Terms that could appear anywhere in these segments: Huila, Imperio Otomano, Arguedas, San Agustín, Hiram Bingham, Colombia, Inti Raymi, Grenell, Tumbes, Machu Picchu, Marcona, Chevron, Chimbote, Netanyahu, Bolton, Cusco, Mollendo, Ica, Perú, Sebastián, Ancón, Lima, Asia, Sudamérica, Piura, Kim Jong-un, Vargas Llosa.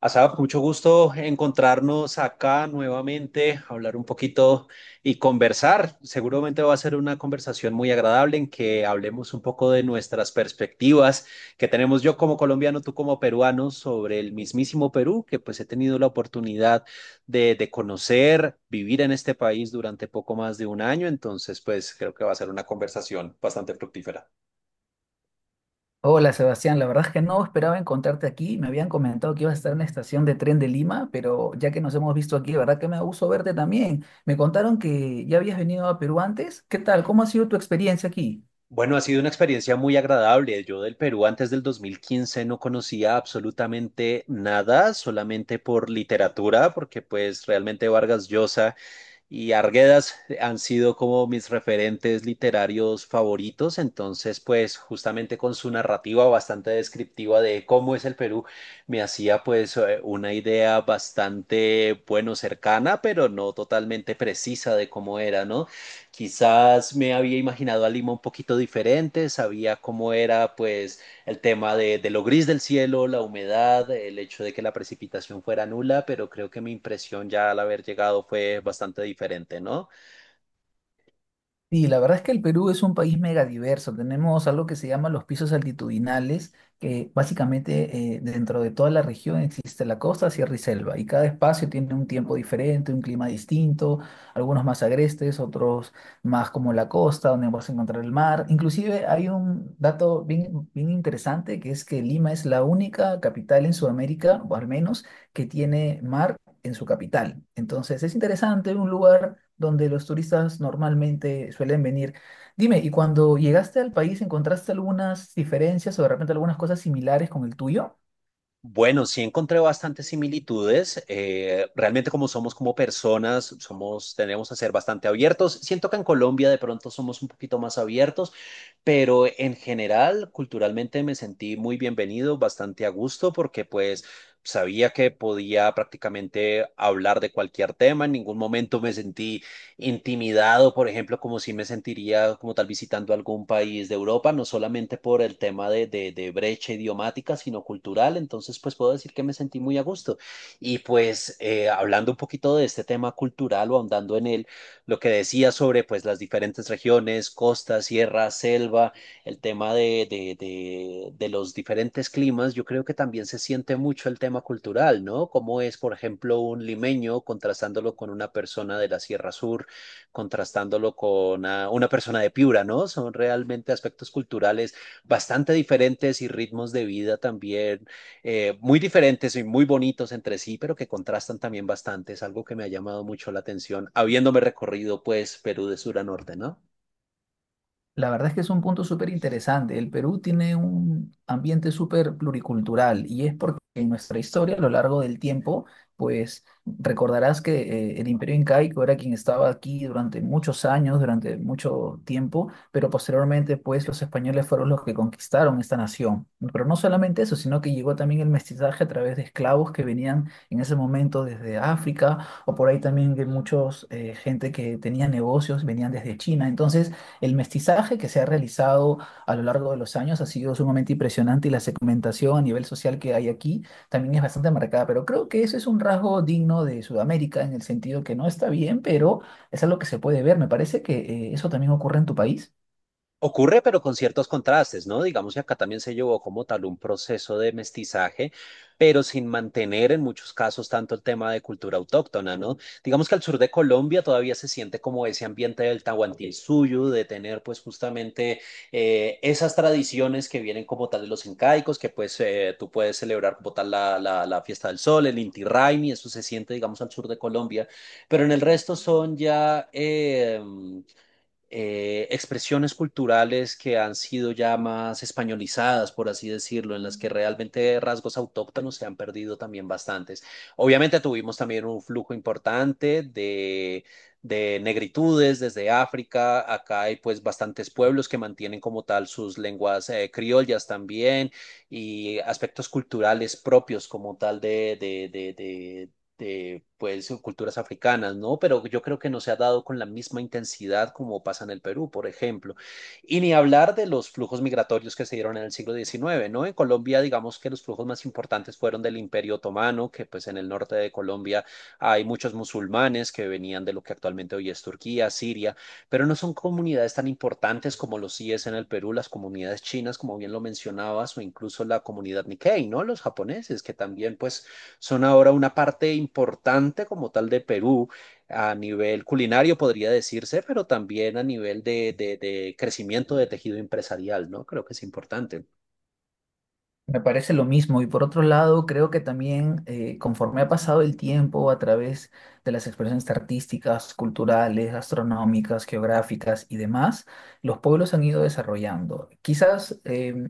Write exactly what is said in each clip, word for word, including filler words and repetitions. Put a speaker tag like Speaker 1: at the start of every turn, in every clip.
Speaker 1: Asaf, mucho gusto encontrarnos acá nuevamente, hablar un poquito y conversar. Seguramente va a ser una conversación muy agradable en que hablemos un poco de nuestras perspectivas que tenemos yo como colombiano, tú como peruano, sobre el mismísimo Perú, que pues he tenido la oportunidad de, de conocer, vivir en este país durante poco más de un año. Entonces, pues creo que va a ser una conversación bastante fructífera.
Speaker 2: Hola Sebastián, la verdad es que no esperaba encontrarte aquí. Me habían comentado que ibas a estar en la estación de tren de Lima, pero ya que nos hemos visto aquí, la verdad que me da gusto verte también. Me contaron que ya habías venido a Perú antes. ¿Qué tal? ¿Cómo ha sido tu experiencia aquí?
Speaker 1: Bueno, ha sido una experiencia muy agradable. Yo del Perú antes del dos mil quince no conocía absolutamente nada, solamente por literatura, porque pues realmente Vargas Llosa y Arguedas han sido como mis referentes literarios favoritos, entonces pues justamente con su narrativa bastante descriptiva de cómo es el Perú, me hacía pues eh, una idea bastante, bueno, cercana, pero no totalmente precisa de cómo era, ¿no? Quizás me había imaginado a Lima un poquito diferente, sabía cómo era pues el tema de, de lo gris del cielo, la humedad, el hecho de que la precipitación fuera nula, pero creo que mi impresión ya al haber llegado fue bastante diferente, ¿no?
Speaker 2: Sí, la verdad es que el Perú es un país mega diverso. Tenemos algo que se llama los pisos altitudinales, que básicamente eh, dentro de toda la región existe la costa, sierra y selva, y cada espacio tiene un tiempo diferente, un clima distinto, algunos más agrestes, otros más como la costa, donde vas a encontrar el mar. Inclusive hay un dato bien, bien interesante, que es que Lima es la única capital en Sudamérica, o al menos, que tiene mar en su capital. Entonces es interesante, un lugar donde los turistas normalmente suelen venir. Dime, ¿y cuando llegaste al país encontraste algunas diferencias o de repente algunas cosas similares con el tuyo?
Speaker 1: Bueno, sí encontré bastantes similitudes. Eh, realmente como somos como personas, somos, tenemos a ser bastante abiertos. Siento que en Colombia de pronto somos un poquito más abiertos, pero en general, culturalmente me sentí muy bienvenido, bastante a gusto, porque pues sabía que podía prácticamente hablar de cualquier tema. En ningún momento me sentí intimidado, por ejemplo, como si me sentiría como tal visitando algún país de Europa, no solamente por el tema de, de, de brecha idiomática, sino cultural. Entonces, pues puedo decir que me sentí muy a gusto. Y pues eh, hablando un poquito de este tema cultural o ahondando en él, lo que decía sobre pues las diferentes regiones, costa, sierra, selva, el tema de, de, de, de los diferentes climas, yo creo que también se siente mucho el tema cultural, ¿no? Como es, por ejemplo, un limeño contrastándolo con una persona de la Sierra Sur contrastándolo con ah, una persona de Piura, ¿no? Son realmente aspectos culturales bastante diferentes y ritmos de vida también eh, muy diferentes y muy bonitos entre sí, pero que contrastan también bastante. Es algo que me ha llamado mucho la atención, habiéndome recorrido pues Perú de sur a norte, ¿no?
Speaker 2: La verdad es que es un punto súper interesante. El Perú tiene un ambiente súper pluricultural y es porque en nuestra historia, a lo largo del tiempo, pues recordarás que eh, el Imperio Incaico era quien estaba aquí durante muchos años, durante mucho tiempo, pero posteriormente, pues los españoles fueron los que conquistaron esta nación. Pero no solamente eso, sino que llegó también el mestizaje a través de esclavos que venían en ese momento desde África o por ahí también de muchos eh, gente que tenía negocios, venían desde China. Entonces, el mestizaje que se ha realizado a lo largo de los años ha sido sumamente impresionante y la segmentación a nivel social que hay aquí también es bastante marcada, pero creo que eso es un rasgo digno de Sudamérica en el sentido que no está bien, pero es algo que se puede ver. Me parece que eh, eso también ocurre en tu país.
Speaker 1: Ocurre, pero con ciertos contrastes, ¿no? Digamos que acá también se llevó como tal un proceso de mestizaje, pero sin mantener en muchos casos tanto el tema de cultura autóctona, ¿no? Digamos que al sur de Colombia todavía se siente como ese ambiente del Tahuantinsuyo, de tener pues justamente eh, esas tradiciones que vienen como tal de los incaicos, que pues eh, tú puedes celebrar como tal la, la, la fiesta del sol, el Inti Raymi, eso se siente, digamos, al sur de Colombia, pero en el resto son ya... eh, eh, expresiones culturales que han sido ya más españolizadas, por así decirlo, en las que realmente rasgos autóctonos se han perdido también bastantes. Obviamente tuvimos también un flujo importante de, de negritudes desde África. Acá hay pues bastantes pueblos que mantienen como tal sus lenguas eh, criollas también y aspectos culturales propios como tal de, de, de, de, de, pues, culturas africanas, ¿no? Pero yo creo que no se ha dado con la misma intensidad como pasa en el Perú, por ejemplo. Y ni hablar de los flujos migratorios que se dieron en el siglo diecinueve, ¿no? En Colombia, digamos que los flujos más importantes fueron del Imperio Otomano, que pues en el norte de Colombia hay muchos musulmanes que venían de lo que actualmente hoy es Turquía, Siria, pero no son comunidades tan importantes como lo sí es en el Perú, las comunidades chinas, como bien lo mencionabas, o incluso la comunidad Nikkei, ¿no? Los japoneses, que también pues son ahora una parte importante como tal de Perú a nivel culinario, podría decirse, pero también a nivel de, de, de crecimiento de tejido empresarial, ¿no? Creo que es importante.
Speaker 2: Me parece lo mismo y por otro lado creo que también eh, conforme ha pasado el tiempo a través de las expresiones artísticas, culturales, gastronómicas, geográficas y demás, los pueblos han ido desarrollando. Quizás em,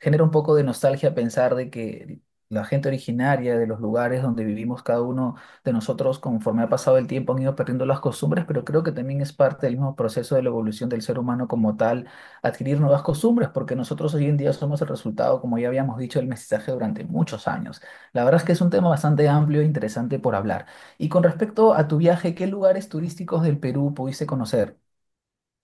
Speaker 2: genera un poco de nostalgia pensar de que la gente originaria de los lugares donde vivimos cada uno de nosotros conforme ha pasado el tiempo han ido perdiendo las costumbres, pero creo que también es parte del mismo proceso de la evolución del ser humano como tal adquirir nuevas costumbres, porque nosotros hoy en día somos el resultado, como ya habíamos dicho, del mestizaje durante muchos años. La verdad es que es un tema bastante amplio e interesante por hablar. Y con respecto a tu viaje, ¿qué lugares turísticos del Perú pudiste conocer?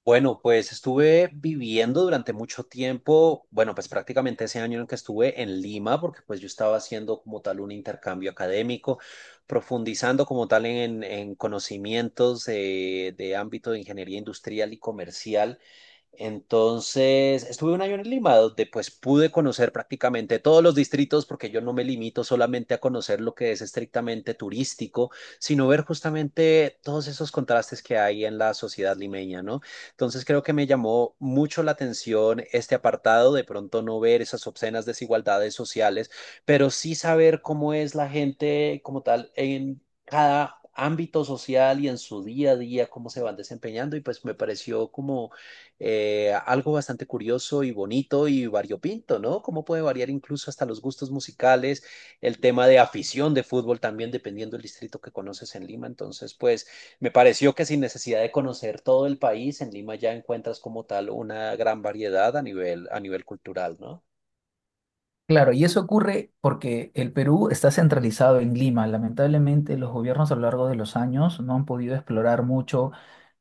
Speaker 1: Bueno, pues estuve viviendo durante mucho tiempo, bueno, pues prácticamente ese año en que estuve en Lima, porque pues yo estaba haciendo como tal un intercambio académico, profundizando como tal en, en conocimientos eh, de ámbito de ingeniería industrial y comercial. Entonces, estuve un año en Lima, donde pues pude conocer prácticamente todos los distritos, porque yo no me limito solamente a conocer lo que es estrictamente turístico, sino ver justamente todos esos contrastes que hay en la sociedad limeña, ¿no? Entonces, creo que me llamó mucho la atención este apartado, de pronto no ver esas obscenas desigualdades sociales, pero sí saber cómo es la gente como tal en cada ámbito social y en su día a día, cómo se van desempeñando, y pues me pareció como eh, algo bastante curioso y bonito y variopinto, ¿no? Cómo puede variar incluso hasta los gustos musicales, el tema de afición de fútbol también, dependiendo del distrito que conoces en Lima. Entonces, pues me pareció que sin necesidad de conocer todo el país, en Lima ya encuentras como tal una gran variedad a nivel, a nivel cultural, ¿no?
Speaker 2: Claro, y eso ocurre porque el Perú está centralizado en Lima. Lamentablemente, los gobiernos a lo largo de los años no han podido explorar mucho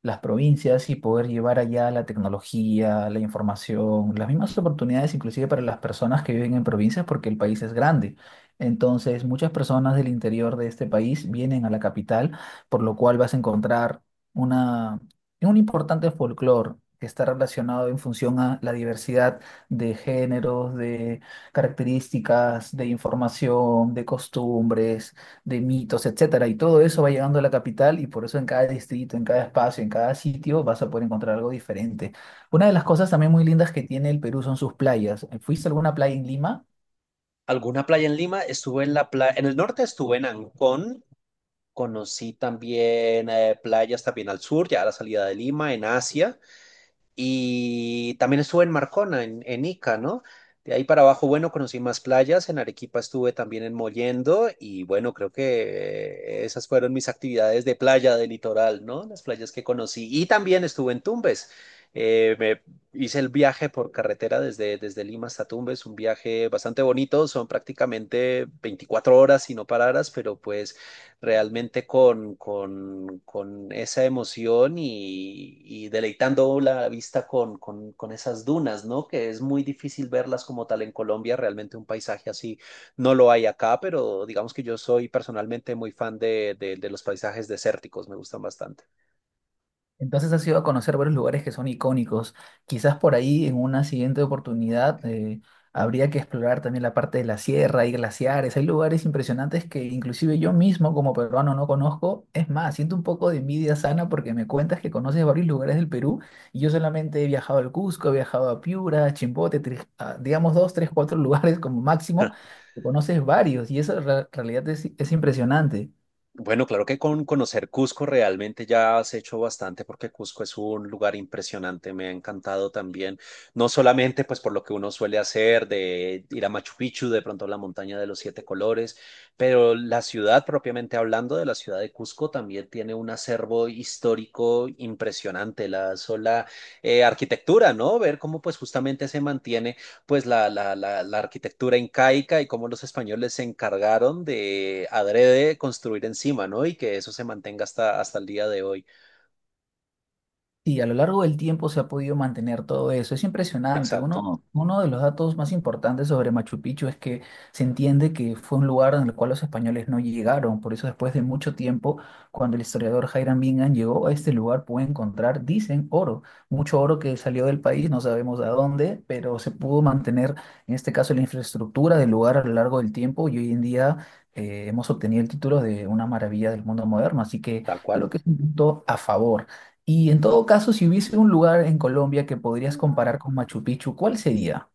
Speaker 2: las provincias y poder llevar allá la tecnología, la información, las mismas oportunidades inclusive para las personas que viven en provincias porque el país es grande. Entonces, muchas personas del interior de este país vienen a la capital, por lo cual vas a encontrar una, un importante folclore que está relacionado en función a la diversidad de géneros, de características de información, de costumbres, de mitos, etcétera. Y todo eso va llegando a la capital y por eso en cada distrito, en cada espacio, en cada sitio vas a poder encontrar algo diferente. Una de las cosas también muy lindas que tiene el Perú son sus playas. ¿Fuiste a alguna playa en Lima?
Speaker 1: ¿Alguna playa en Lima? Estuve en la playa, en el norte estuve en Ancón. Conocí también eh, playas también al sur, ya a la salida de Lima, en Asia. Y también estuve en Marcona, en, en Ica, ¿no? De ahí para abajo, bueno, conocí más playas, en Arequipa estuve también en Mollendo y bueno, creo que eh, esas fueron mis actividades de playa, de litoral, ¿no? Las playas que conocí. Y también estuve en Tumbes. Eh, me hice el viaje por carretera desde, desde Lima hasta Tumbes, un viaje bastante bonito, son prácticamente veinticuatro horas si no pararas, pero pues realmente con, con, con esa emoción y, y deleitando la vista con, con, con esas dunas, ¿no? Que es muy difícil verlas como tal en Colombia, realmente un paisaje así no lo hay acá, pero digamos que yo soy personalmente muy fan de, de, de los paisajes desérticos, me gustan bastante.
Speaker 2: Entonces has ido a conocer varios lugares que son icónicos. Quizás por ahí en una siguiente oportunidad eh, habría que explorar también la parte de la sierra, hay glaciares, hay lugares impresionantes que inclusive yo mismo como peruano no conozco. Es más, siento un poco de envidia sana porque me cuentas que conoces varios lugares del Perú y yo solamente he viajado al Cusco, he viajado a Piura, a Chimbote, tres- a, digamos dos, tres, cuatro lugares como máximo. Tú Conoces varios y eso en realidad es es impresionante.
Speaker 1: Bueno, claro que con conocer Cusco realmente ya has hecho bastante porque Cusco es un lugar impresionante, me ha encantado también, no solamente pues por lo que uno suele hacer de ir a Machu Picchu, de pronto a la montaña de los siete colores, pero la ciudad propiamente hablando de la ciudad de Cusco también tiene un acervo histórico impresionante, la sola eh, arquitectura, ¿no? Ver cómo pues justamente se mantiene pues la, la, la, la arquitectura incaica y cómo los españoles se encargaron de adrede construir encima, ¿no? Y que eso se mantenga hasta, hasta el día de hoy.
Speaker 2: Y a lo largo del tiempo se ha podido mantener todo eso. Es impresionante.
Speaker 1: Exacto,
Speaker 2: Uno, uno de los datos más importantes sobre Machu Picchu es que se entiende que fue un lugar en el cual los españoles no llegaron. Por eso después de mucho tiempo, cuando el historiador Hiram Bingham llegó a este lugar, pudo encontrar, dicen, oro. Mucho oro que salió del país, no sabemos a dónde, pero se pudo mantener, en este caso, la infraestructura del lugar a lo largo del tiempo y hoy en día... eh, hemos obtenido el título de una maravilla del mundo moderno, así que
Speaker 1: tal cual.
Speaker 2: creo que es un punto a favor. Y en todo caso, si hubiese un lugar en Colombia que podrías
Speaker 1: Hola.
Speaker 2: comparar con Machu Picchu, ¿cuál sería?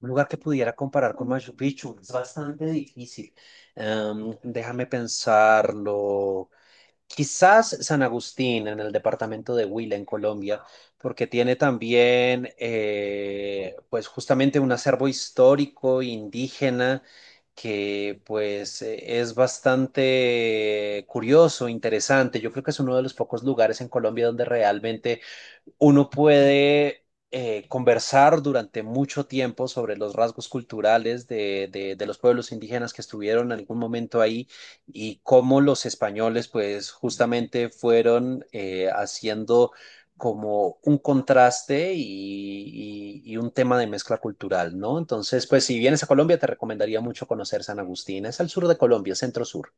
Speaker 1: Un lugar que pudiera comparar con Machu Picchu es bastante difícil. Em, déjame pensarlo. Quizás San Agustín, en el departamento de Huila, en Colombia, porque tiene también, eh, pues justamente un acervo histórico indígena que pues eh, es bastante curioso, interesante. Yo creo que es uno de los pocos lugares en Colombia donde realmente uno puede eh, conversar durante mucho tiempo sobre los rasgos culturales de, de- de los pueblos indígenas que estuvieron en algún momento ahí y cómo los españoles pues justamente fueron eh, haciendo como un contraste y, y- y un tema de mezcla cultural, ¿no? Entonces, pues si vienes a Colombia, te recomendaría mucho conocer San Agustín. Es al sur de Colombia, centro sur.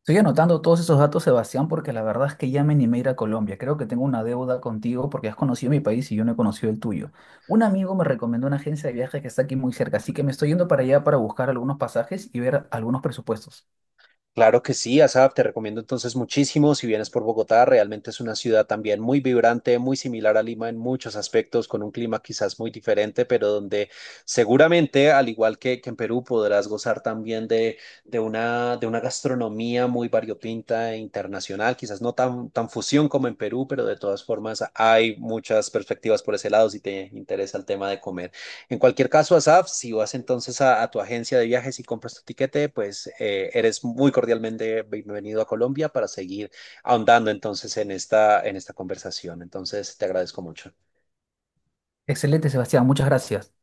Speaker 2: Estoy anotando todos esos datos, Sebastián, porque la verdad es que ya me animé a ir a Colombia. Creo que tengo una deuda contigo porque has conocido mi país y yo no he conocido el tuyo. Un amigo me recomendó una agencia de viajes que está aquí muy cerca, así que me estoy yendo para allá para buscar algunos pasajes y ver algunos presupuestos.
Speaker 1: Claro que sí, Asaf, te recomiendo entonces muchísimo. Si vienes por Bogotá, realmente es una ciudad también muy vibrante, muy similar a Lima en muchos aspectos, con un clima quizás muy diferente, pero donde seguramente, al igual que, que en Perú, podrás gozar también de, de una, de una gastronomía muy variopinta e internacional, quizás no tan, tan fusión como en Perú, pero de todas formas hay muchas perspectivas por ese lado si te interesa el tema de comer. En cualquier caso, Asaf, si vas entonces a, a tu agencia de viajes y compras tu tiquete, pues eh, eres muy cordialmente bienvenido a Colombia para seguir ahondando entonces en esta, en esta conversación. Entonces, te agradezco mucho.
Speaker 2: Excelente, Sebastián, muchas gracias.